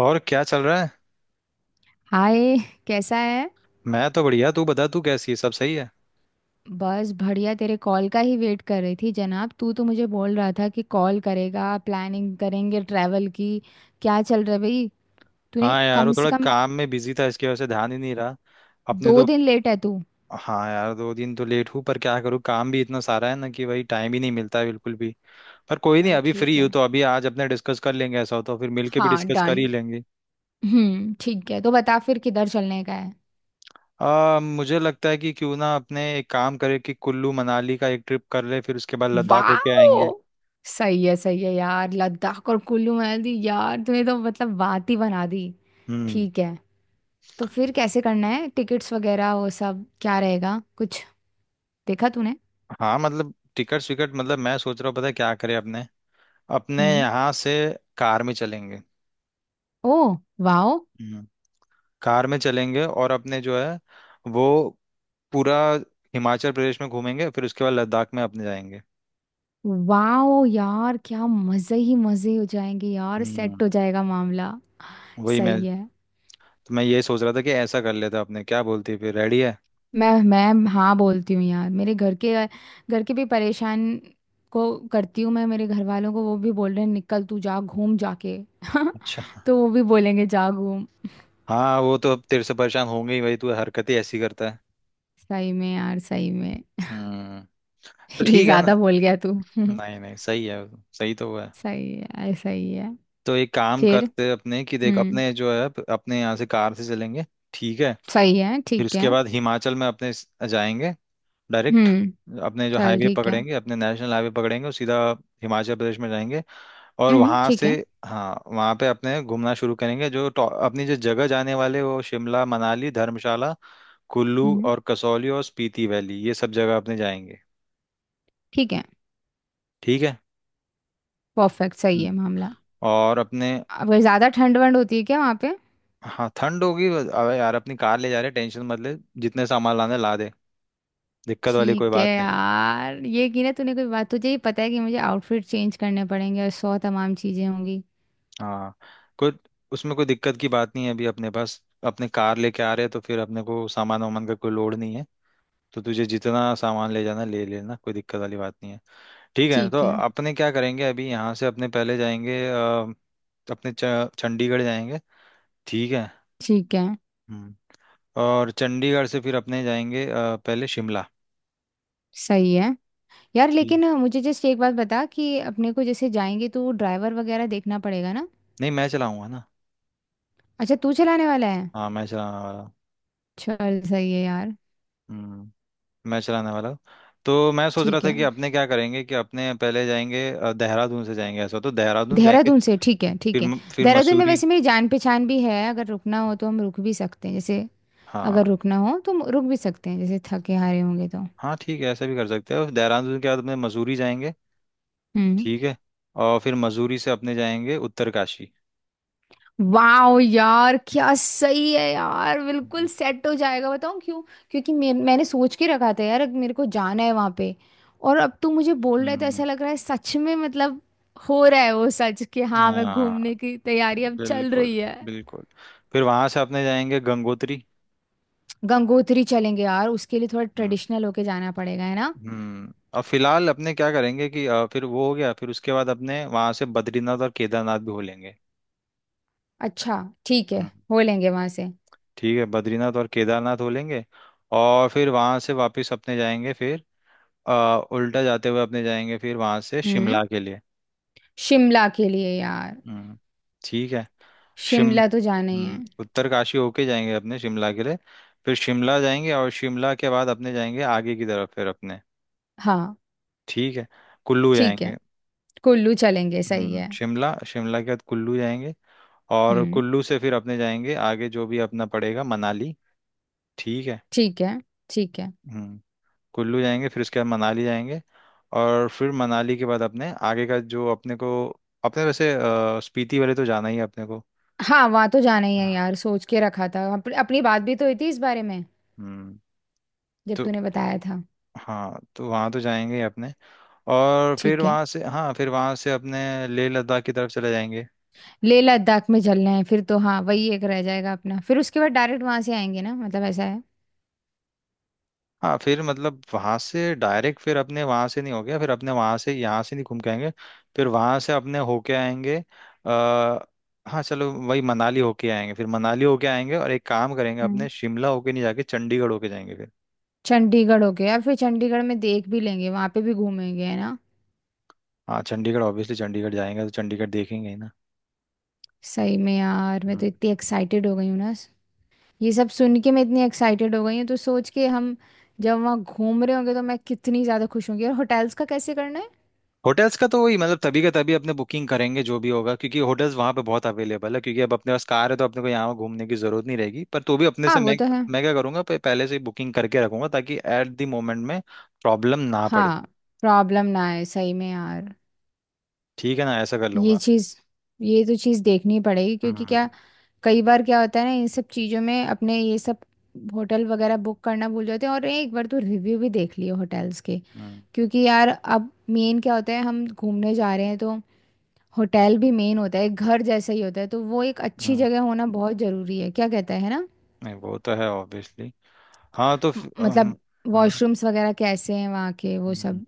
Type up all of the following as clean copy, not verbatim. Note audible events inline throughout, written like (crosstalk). और क्या चल रहा है? हाय, कैसा है। मैं तो बढ़िया। तू बता, तू कैसी है? सब सही है? बस बढ़िया, तेरे कॉल का ही वेट कर रही थी जनाब। तू तो मुझे बोल रहा था कि कॉल करेगा, प्लानिंग करेंगे ट्रैवल की। क्या चल रहा है भाई। तूने हाँ यार, वो कम से थोड़ा कम काम में बिजी था, इसकी वजह से ध्यान ही नहीं रहा। अपने दो तो। दिन लेट है तू। हाँ यार, दो दिन तो लेट हूँ, पर क्या करूँ, काम भी इतना सारा है ना कि वही टाइम ही नहीं मिलता है बिल्कुल भी। पर कोई नहीं, चल अभी ठीक फ्री हूँ है, तो अभी आज अपने डिस्कस कर लेंगे, ऐसा हो तो फिर मिलके भी हाँ डिस्कस कर डन। ही लेंगे। हम्म, ठीक है, तो बता फिर किधर चलने का है। मुझे लगता है कि क्यों ना अपने एक काम करें कि कुल्लू मनाली का एक ट्रिप कर ले, फिर उसके बाद लद्दाख होके आएंगे। वाओ, सही है यार, लद्दाख और कुल्लू मनाली, यार तूने तो मतलब बात ही बना दी। हम्म। ठीक है, तो फिर कैसे करना है, टिकट्स वगैरह वो सब क्या रहेगा कुछ। देखा तूने। हाँ, मतलब टिकट विकट, मतलब मैं सोच रहा हूँ, पता है क्या करें अपने। अपने हम्म। यहाँ से कार में चलेंगे। Oh, wow. हम्म। कार में चलेंगे और अपने जो है वो पूरा हिमाचल प्रदेश में घूमेंगे, फिर उसके बाद लद्दाख में अपने जाएंगे। वाओ यार, क्या मजे ही मजे हो जाएंगे यार, हम्म, सेट हो जाएगा मामला। वही सही मैं, है। तो मैं ये सोच रहा था कि ऐसा कर लेते अपने, क्या बोलती है? फिर रेडी है? मैं हाँ बोलती हूँ यार, मेरे घर के, घर के भी परेशान को करती हूँ मैं, मेरे घर वालों को। वो भी बोल रहे हैं निकल तू जा, घूम जाके। अच्छा। (laughs) तो वो भी बोलेंगे जा घूम। हाँ, वो तो अब तेरे से परेशान होंगे ही भाई, तू हरकत ही ऐसी करता है। सही में यार, सही में। हम्म। (laughs) तो ये ठीक है ना? ज्यादा बोल गया तू। (laughs) नहीं नहीं, सही है। सही तो हुआ है। सही है, ऐसा ही है। तो एक काम फिर करते हैं अपने, कि देख हम्म, अपने जो है, अपने यहाँ से कार से चलेंगे। ठीक है। सही है फिर ठीक है। उसके बाद हिमाचल में अपने जाएंगे। डायरेक्ट। हम्म, अपने जो चल हाईवे ठीक है। पकड़ेंगे, अपने नेशनल हाईवे पकड़ेंगे और सीधा हिमाचल प्रदेश में जाएंगे। और वहाँ ठीक से, है। हाँ, वहाँ पे अपने घूमना शुरू करेंगे, जो अपनी जो जगह जाने वाले, वो शिमला, मनाली, धर्मशाला, कुल्लू हम्म और कसौली और स्पीति वैली, ये सब जगह अपने जाएंगे। ठीक है, ठीक है। परफेक्ट, सही है हम्म। मामला। और अपने, अगर ज़्यादा ठंड वंड होती है क्या वहाँ पे। हाँ ठंड होगी, अबे यार अपनी कार ले जा रहे, टेंशन मत ले। जितने सामान लाने ला दे। दिक्कत वाली कोई ठीक है बात नहीं। यार, ये की ना तूने कोई बात। तुझे ही पता है कि मुझे आउटफिट चेंज करने पड़ेंगे और सौ तमाम चीज़ें होंगी। हाँ, कोई उसमें कोई दिक्कत की बात नहीं है, अभी अपने पास अपने कार लेके आ रहे हैं तो फिर अपने को सामान वामान का कोई लोड नहीं है। तो तुझे जितना सामान ले जाना ले लेना, कोई दिक्कत वाली बात नहीं है। ठीक है, तो ठीक है अपने क्या करेंगे, अभी यहाँ से अपने पहले जाएंगे अपने चंडीगढ़ जाएंगे। ठीक है। ठीक है। हम्म। और चंडीगढ़ से फिर अपने जाएंगे पहले शिमला। सही है यार, ठीक। लेकिन मुझे जस्ट एक बात बता कि अपने को जैसे जाएंगे तो ड्राइवर वगैरह देखना पड़ेगा ना। नहीं मैं चलाऊंगा ना। अच्छा, तू चलाने वाला है। हाँ मैं चलाने वाला हूँ। चल सही है यार। हम्म। मैं चलाने वाला हूँ। तो मैं सोच रहा ठीक था है, कि अपने क्या करेंगे, कि अपने पहले जाएंगे देहरादून से जाएंगे, ऐसा हो तो देहरादून जाएंगे। देहरादून से, ठीक है ठीक फिर है। फिर देहरादून में मसूरी। वैसे मेरी जान पहचान भी है, अगर रुकना हो तो हम रुक भी सकते हैं जैसे, हाँ अगर रुकना हो तो हम रुक भी सकते हैं जैसे थके हारे होंगे तो। हाँ, ठीक है ऐसा भी कर सकते हैं, और देहरादून के बाद अपने मसूरी जाएंगे। हम्म। ठीक है। और फिर मसूरी से अपने जाएंगे उत्तरकाशी। वाओ यार, क्या सही है यार, बिल्कुल हम्म, सेट हो जाएगा, बताऊँ क्यों। क्योंकि मैंने सोच के रखा था यार, अब मेरे को जाना है वहाँ पे। और अब तू मुझे बोल रहा है तो हम्म। ऐसा लग रहा है सच में, मतलब हो रहा है वो सच कि हाँ, मैं हाँ घूमने की तैयारी अब चल बिल्कुल, रही है। बिल्कुल। फिर वहां से अपने जाएंगे गंगोत्री। गंगोत्री चलेंगे यार, उसके लिए थोड़ा हम्म। ट्रेडिशनल होके जाना पड़ेगा है ना। और फिलहाल अपने क्या करेंगे कि फिर वो हो गया, फिर उसके बाद अपने वहां से बद्रीनाथ और केदारनाथ भी हो लेंगे। अच्छा, ठीक है, हो लेंगे वहां से। ठीक है, बद्रीनाथ और केदारनाथ हो लेंगे। और फिर वहां से वापस अपने जाएंगे फिर, अ, उल्टा जाते हुए अपने जाएंगे फिर वहां से हम्म, शिमला के लिए। शिमला के लिए यार। हम्म, ठीक है। शिम शिमला तो जाना ही है। उत्तरकाशी होके जाएंगे अपने शिमला के लिए। फिर शिमला जाएंगे और शिमला के बाद अपने जाएंगे आगे की तरफ फिर अपने। हाँ, ठीक है, कुल्लू ठीक जाएंगे। है। कुल्लू चलेंगे, सही है। शिमला शिमला के बाद कुल्लू जाएंगे। और हम्म, कुल्लू से फिर अपने जाएंगे आगे, जो भी अपना पड़ेगा, मनाली। ठीक है। ठीक है ठीक है। हम्म। कुल्लू जाएंगे, फिर उसके बाद मनाली जाएंगे। और फिर मनाली के बाद अपने आगे का जो अपने को, अपने वैसे स्पीति वाले तो जाना ही है अपने को। हाँ, वहाँ तो जाना ही है हाँ। यार, सोच के रखा था। अपनी बात भी तो हुई थी इस बारे में हम्म। जब तो तूने बताया था। हाँ, तो वहाँ तो जाएंगे ही अपने। और फिर ठीक है। वहाँ से, हाँ, फिर वहाँ से अपने लेह लद्दाख की तरफ चले जाएंगे। लेह लद्दाख में चलना है फिर तो। हाँ, वही एक रह जाएगा अपना। फिर उसके बाद डायरेक्ट वहां से आएंगे ना, मतलब ऐसा है। हाँ फिर मतलब वहां से डायरेक्ट फिर अपने वहां से नहीं हो गया, फिर अपने वहां से यहाँ से नहीं घूम के आएंगे। फिर वहां से अपने होके आएंगे। आ, हाँ चलो, वही मनाली होके आएंगे, फिर मनाली होके आएंगे, और एक काम करेंगे हम्म, अपने शिमला होके नहीं, जाके चंडीगढ़ होके जाएंगे फिर। चंडीगढ़ हो गया। फिर चंडीगढ़ में देख भी लेंगे, वहां पे भी घूमेंगे है ना। हाँ चंडीगढ़, ऑब्वियसली चंडीगढ़ जाएंगे तो चंडीगढ़ देखेंगे ही ना। सही में यार, मैं तो इतनी एक्साइटेड हो गई हूँ ना। ये सब सुन के मैं इतनी एक्साइटेड हो गई हूँ, तो सोच के हम जब वहाँ घूम रहे होंगे तो मैं कितनी ज़्यादा खुश होंगी। और होटल्स का कैसे करना है। होटल्स का तो वही, मतलब तभी का तभी अपने बुकिंग करेंगे जो भी होगा, क्योंकि होटल्स वहां पे बहुत अवेलेबल है, क्योंकि अब अपने पास कार है तो अपने को यहाँ घूमने की जरूरत नहीं रहेगी, पर तो भी अपने हाँ से वो मैं तो है। क्या करूंगा पहले से ही बुकिंग करके रखूंगा ताकि एट द मोमेंट में प्रॉब्लम ना पड़े। हाँ, प्रॉब्लम ना आए, सही में यार। ठीक है ना, ऐसा कर ये लूंगा। चीज़, ये तो चीज़ देखनी पड़ेगी, क्योंकि हम्म, क्या कई बार क्या होता है ना, इन सब चीज़ों में अपने ये सब होटल वगैरह बुक करना भूल जाते हैं। और एक बार तो रिव्यू भी देख लियो होटल्स के, हम्म, क्योंकि यार अब मेन क्या होता है, हम घूमने जा रहे हैं तो होटल भी मेन होता है, एक घर जैसा ही होता है, तो वो एक अच्छी हम्म। जगह होना बहुत जरूरी है, क्या कहता है ना। नहीं वो तो है ऑब्वियसली। हाँ, तो फिर, मतलब हम्म, वॉशरूम्स वगैरह कैसे हैं वहाँ के, वो हम्म। सब।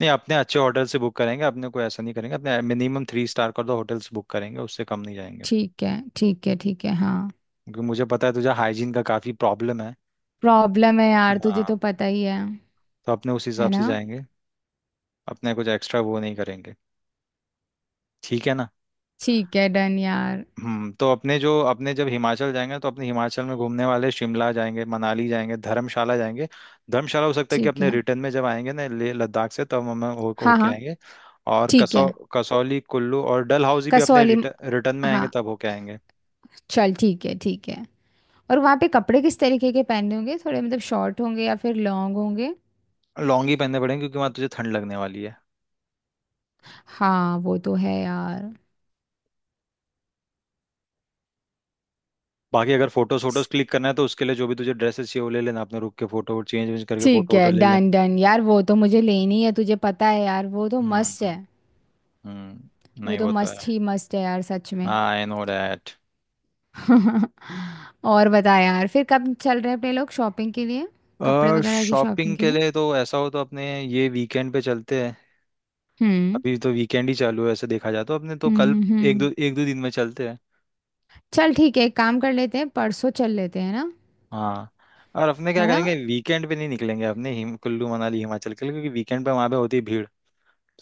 नहीं, अपने अच्छे होटल से बुक करेंगे, अपने कोई ऐसा नहीं करेंगे, अपने मिनिमम थ्री स्टार का तो होटल से बुक करेंगे, उससे कम नहीं जाएंगे। ठीक है ठीक है ठीक है हाँ। क्योंकि मुझे पता है तुझे हाइजीन का काफी प्रॉब्लम है। प्रॉब्लम है यार, तुझे हाँ। तो पता ही है। तो अपने उस है हिसाब से ना। जाएंगे। अपने कुछ एक्स्ट्रा वो नहीं करेंगे। ठीक है ना। ठीक है डन यार। तो अपने जो अपने जब हिमाचल जाएंगे, तो अपने हिमाचल में घूमने वाले शिमला जाएंगे, मनाली जाएंगे, धर्मशाला जाएंगे। धर्मशाला हो सकता है कि ठीक अपने है, रिटर्न में जब आएंगे ना ले लद्दाख से, तब हम हो हाँ होके हाँ। आएंगे। और ठीक है। कसौली, कुल्लू और डल हाउसी भी अपने कसौली म- रिटर्न रिटर्न में हाँ, आएंगे तब होके आएंगे। चल ठीक है ठीक है। और वहाँ पे कपड़े किस तरीके के पहनने होंगे, थोड़े मतलब शॉर्ट होंगे या फिर लॉन्ग होंगे। लॉन्ग ही पहनने पड़ेंगे क्योंकि वहां तुझे ठंड लगने वाली है। हाँ वो तो है यार। बाकी, अगर फोटोज फोटोज क्लिक करना है तो उसके लिए जो भी तुझे ड्रेसेस चाहिए वो ले लेना, अपने रुक के फोटो चेंज वेंज करके फोटो ठीक है वोटो ले लें। डन डन यार, वो तो मुझे लेनी है, तुझे पता है यार, वो तो हम्म, मस्त है। हम्म, हम्म, वो नहीं तो वो तो मस्त है। ही मस्त है यार, सच में। हाँ, आई नो डैट। (laughs) और बता यार, फिर कब चल रहे हैं अपने लोग शॉपिंग के लिए, कपड़े और वगैरह की शॉपिंग शॉपिंग के के लिए। लिए तो ऐसा हो तो अपने ये वीकेंड पे चलते हैं। हम्म अभी तो वीकेंड ही चालू है, ऐसे देखा जाए तो अपने तो हम्म कल हम्म एक हम्म। दो एक दो दिन में चलते हैं। चल ठीक है, एक काम कर लेते हैं, परसों चल लेते हैं ना। हाँ, और अपने क्या है ना। करेंगे वीकेंड पे नहीं निकलेंगे अपने हिम कुल्लू मनाली हिमाचल के लिए, क्योंकि वीकेंड पे वहाँ पे होती है भीड़।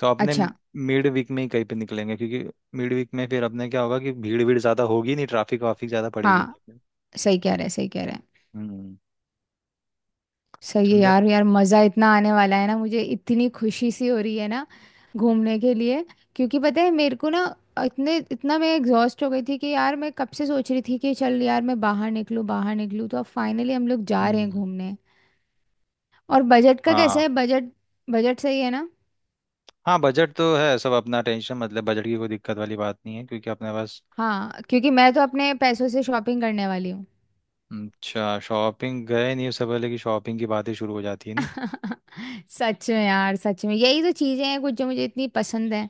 तो अपने अच्छा, मिड वीक में ही कहीं पे निकलेंगे, क्योंकि मिड वीक में फिर अपने क्या होगा कि भीड़ भीड़ ज़्यादा होगी नहीं, ट्रैफिक वाफिक ज़्यादा पड़ेगी। हाँ। नहीं। सही कह रहे, सही कह रहे। हम्म, सही है समझा। यार, यार मज़ा इतना आने वाला है ना, मुझे इतनी खुशी सी हो रही है ना घूमने के लिए। क्योंकि पता है मेरे को ना, इतने इतना मैं एग्जॉस्ट हो गई थी कि यार, मैं कब से सोच रही थी कि चल यार मैं बाहर निकलूँ, बाहर निकलूँ, तो अब फाइनली हम लोग जा रहे हैं हम्म, घूमने। और बजट का कैसा है, हाँ। बजट, बजट सही है ना। हाँ बजट तो है सब अपना, टेंशन मतलब बजट की कोई दिक्कत वाली बात नहीं है क्योंकि अपने पास। हाँ, क्योंकि मैं तो अपने पैसों से शॉपिंग करने वाली हूँ। अच्छा, शॉपिंग गए नहीं उससे पहले कि शॉपिंग की बातें शुरू हो जाती है, नहीं? (laughs) सच में यार, सच में, यही तो चीज़ें हैं कुछ जो मुझे इतनी पसंद है।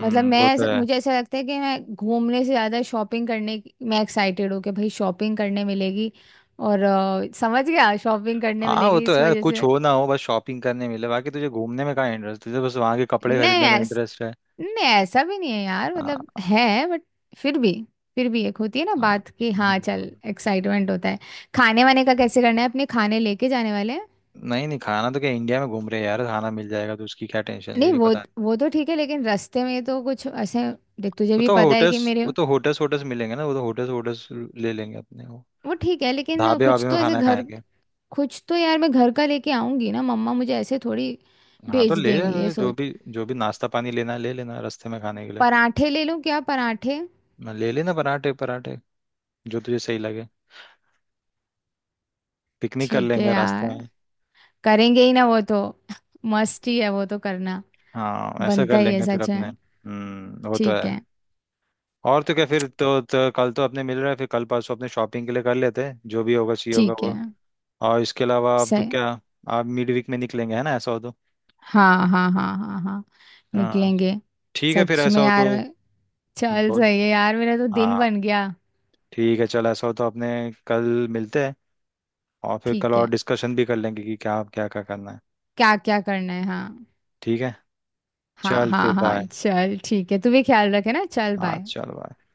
मतलब मैं वो तो ऐसा- है। मुझे ऐसा लगता है कि मैं घूमने से ज़्यादा शॉपिंग करने की मैं एक्साइटेड हूँ कि भाई शॉपिंग करने मिलेगी। और समझ गया, शॉपिंग करने हाँ वो मिलेगी तो इस है, वजह कुछ से। हो ना हो बस शॉपिंग करने मिले, बाकी तुझे घूमने में कहाँ इंटरेस्ट, तुझे बस वहाँ के कपड़े नहीं खरीदने में ऐस इंटरेस्ट है। नहीं ऐसा भी नहीं है यार, मतलब हाँ, है बट। फिर भी, फिर भी एक होती है ना हाँ। बात कि हाँ हम्म। चल, एक्साइटमेंट होता है। खाने वाने का कैसे करना है, अपने खाने लेके जाने वाले हैं। नहीं नहीं, खाना तो क्या इंडिया में घूम रहे हैं यार, खाना मिल जाएगा, तो उसकी क्या टेंशन ले नहीं, रही वो पता नहीं। वो तो ठीक है लेकिन रास्ते में तो कुछ ऐसे, देख तुझे वो भी तो पता है होटल्स कि मेरे। वो तो होटल्स होटल्स मिलेंगे ना, वो तो होटल्स होटल्स ले लेंगे अपने, वो वो ठीक है, लेकिन ढाबे कुछ वाबे तो में ऐसे खाना घर, खाएंगे। कुछ तो यार मैं घर का लेके आऊंगी ना। मम्मा मुझे ऐसे थोड़ी हाँ तो भेज ले देंगी, ये ले, जो सोच। भी जो भी नाश्ता पानी लेना है ले लेना रास्ते में खाने के लिए। पराठे ले लूं क्या, पराठे। ले लेना पराठे पराठे। जो तुझे सही लगे। पिकनिक कर ठीक है लेंगे रास्ते यार, में। करेंगे ही ना वो तो। (laughs) मस्त ही है वो तो करना, हाँ ऐसा कर बनता ही है, लेंगे फिर सच है। अपने, वो तो ठीक है। है और तो क्या फिर तो कल तो अपने मिल रहे हैं, फिर कल परसों अपने शॉपिंग के लिए कर लेते हैं जो भी होगा चाहिए होगा ठीक है। वो। और इसके अलावा अब सही। क्या। आप मिड वीक में निकलेंगे है ना, ऐसा हो तो। हाँ हाँ हाँ हाँ हाँ, हाँ निकलेंगे। ठीक है फिर सच ऐसा में हो तो। यार मैं- चल बोल। सही है यार, मेरा तो दिन हाँ बन गया। ठीक है चल, ऐसा हो तो अपने कल मिलते हैं, और फिर कल ठीक है, और डिस्कशन भी कर लेंगे कि क्या क्या क्या करना है। क्या क्या करना है, हाँ। ठीक है। हाँ चल हाँ फिर हाँ, बाय। चल ठीक है, तू भी ख्याल रखे ना, चल हाँ बाय। चल बाय।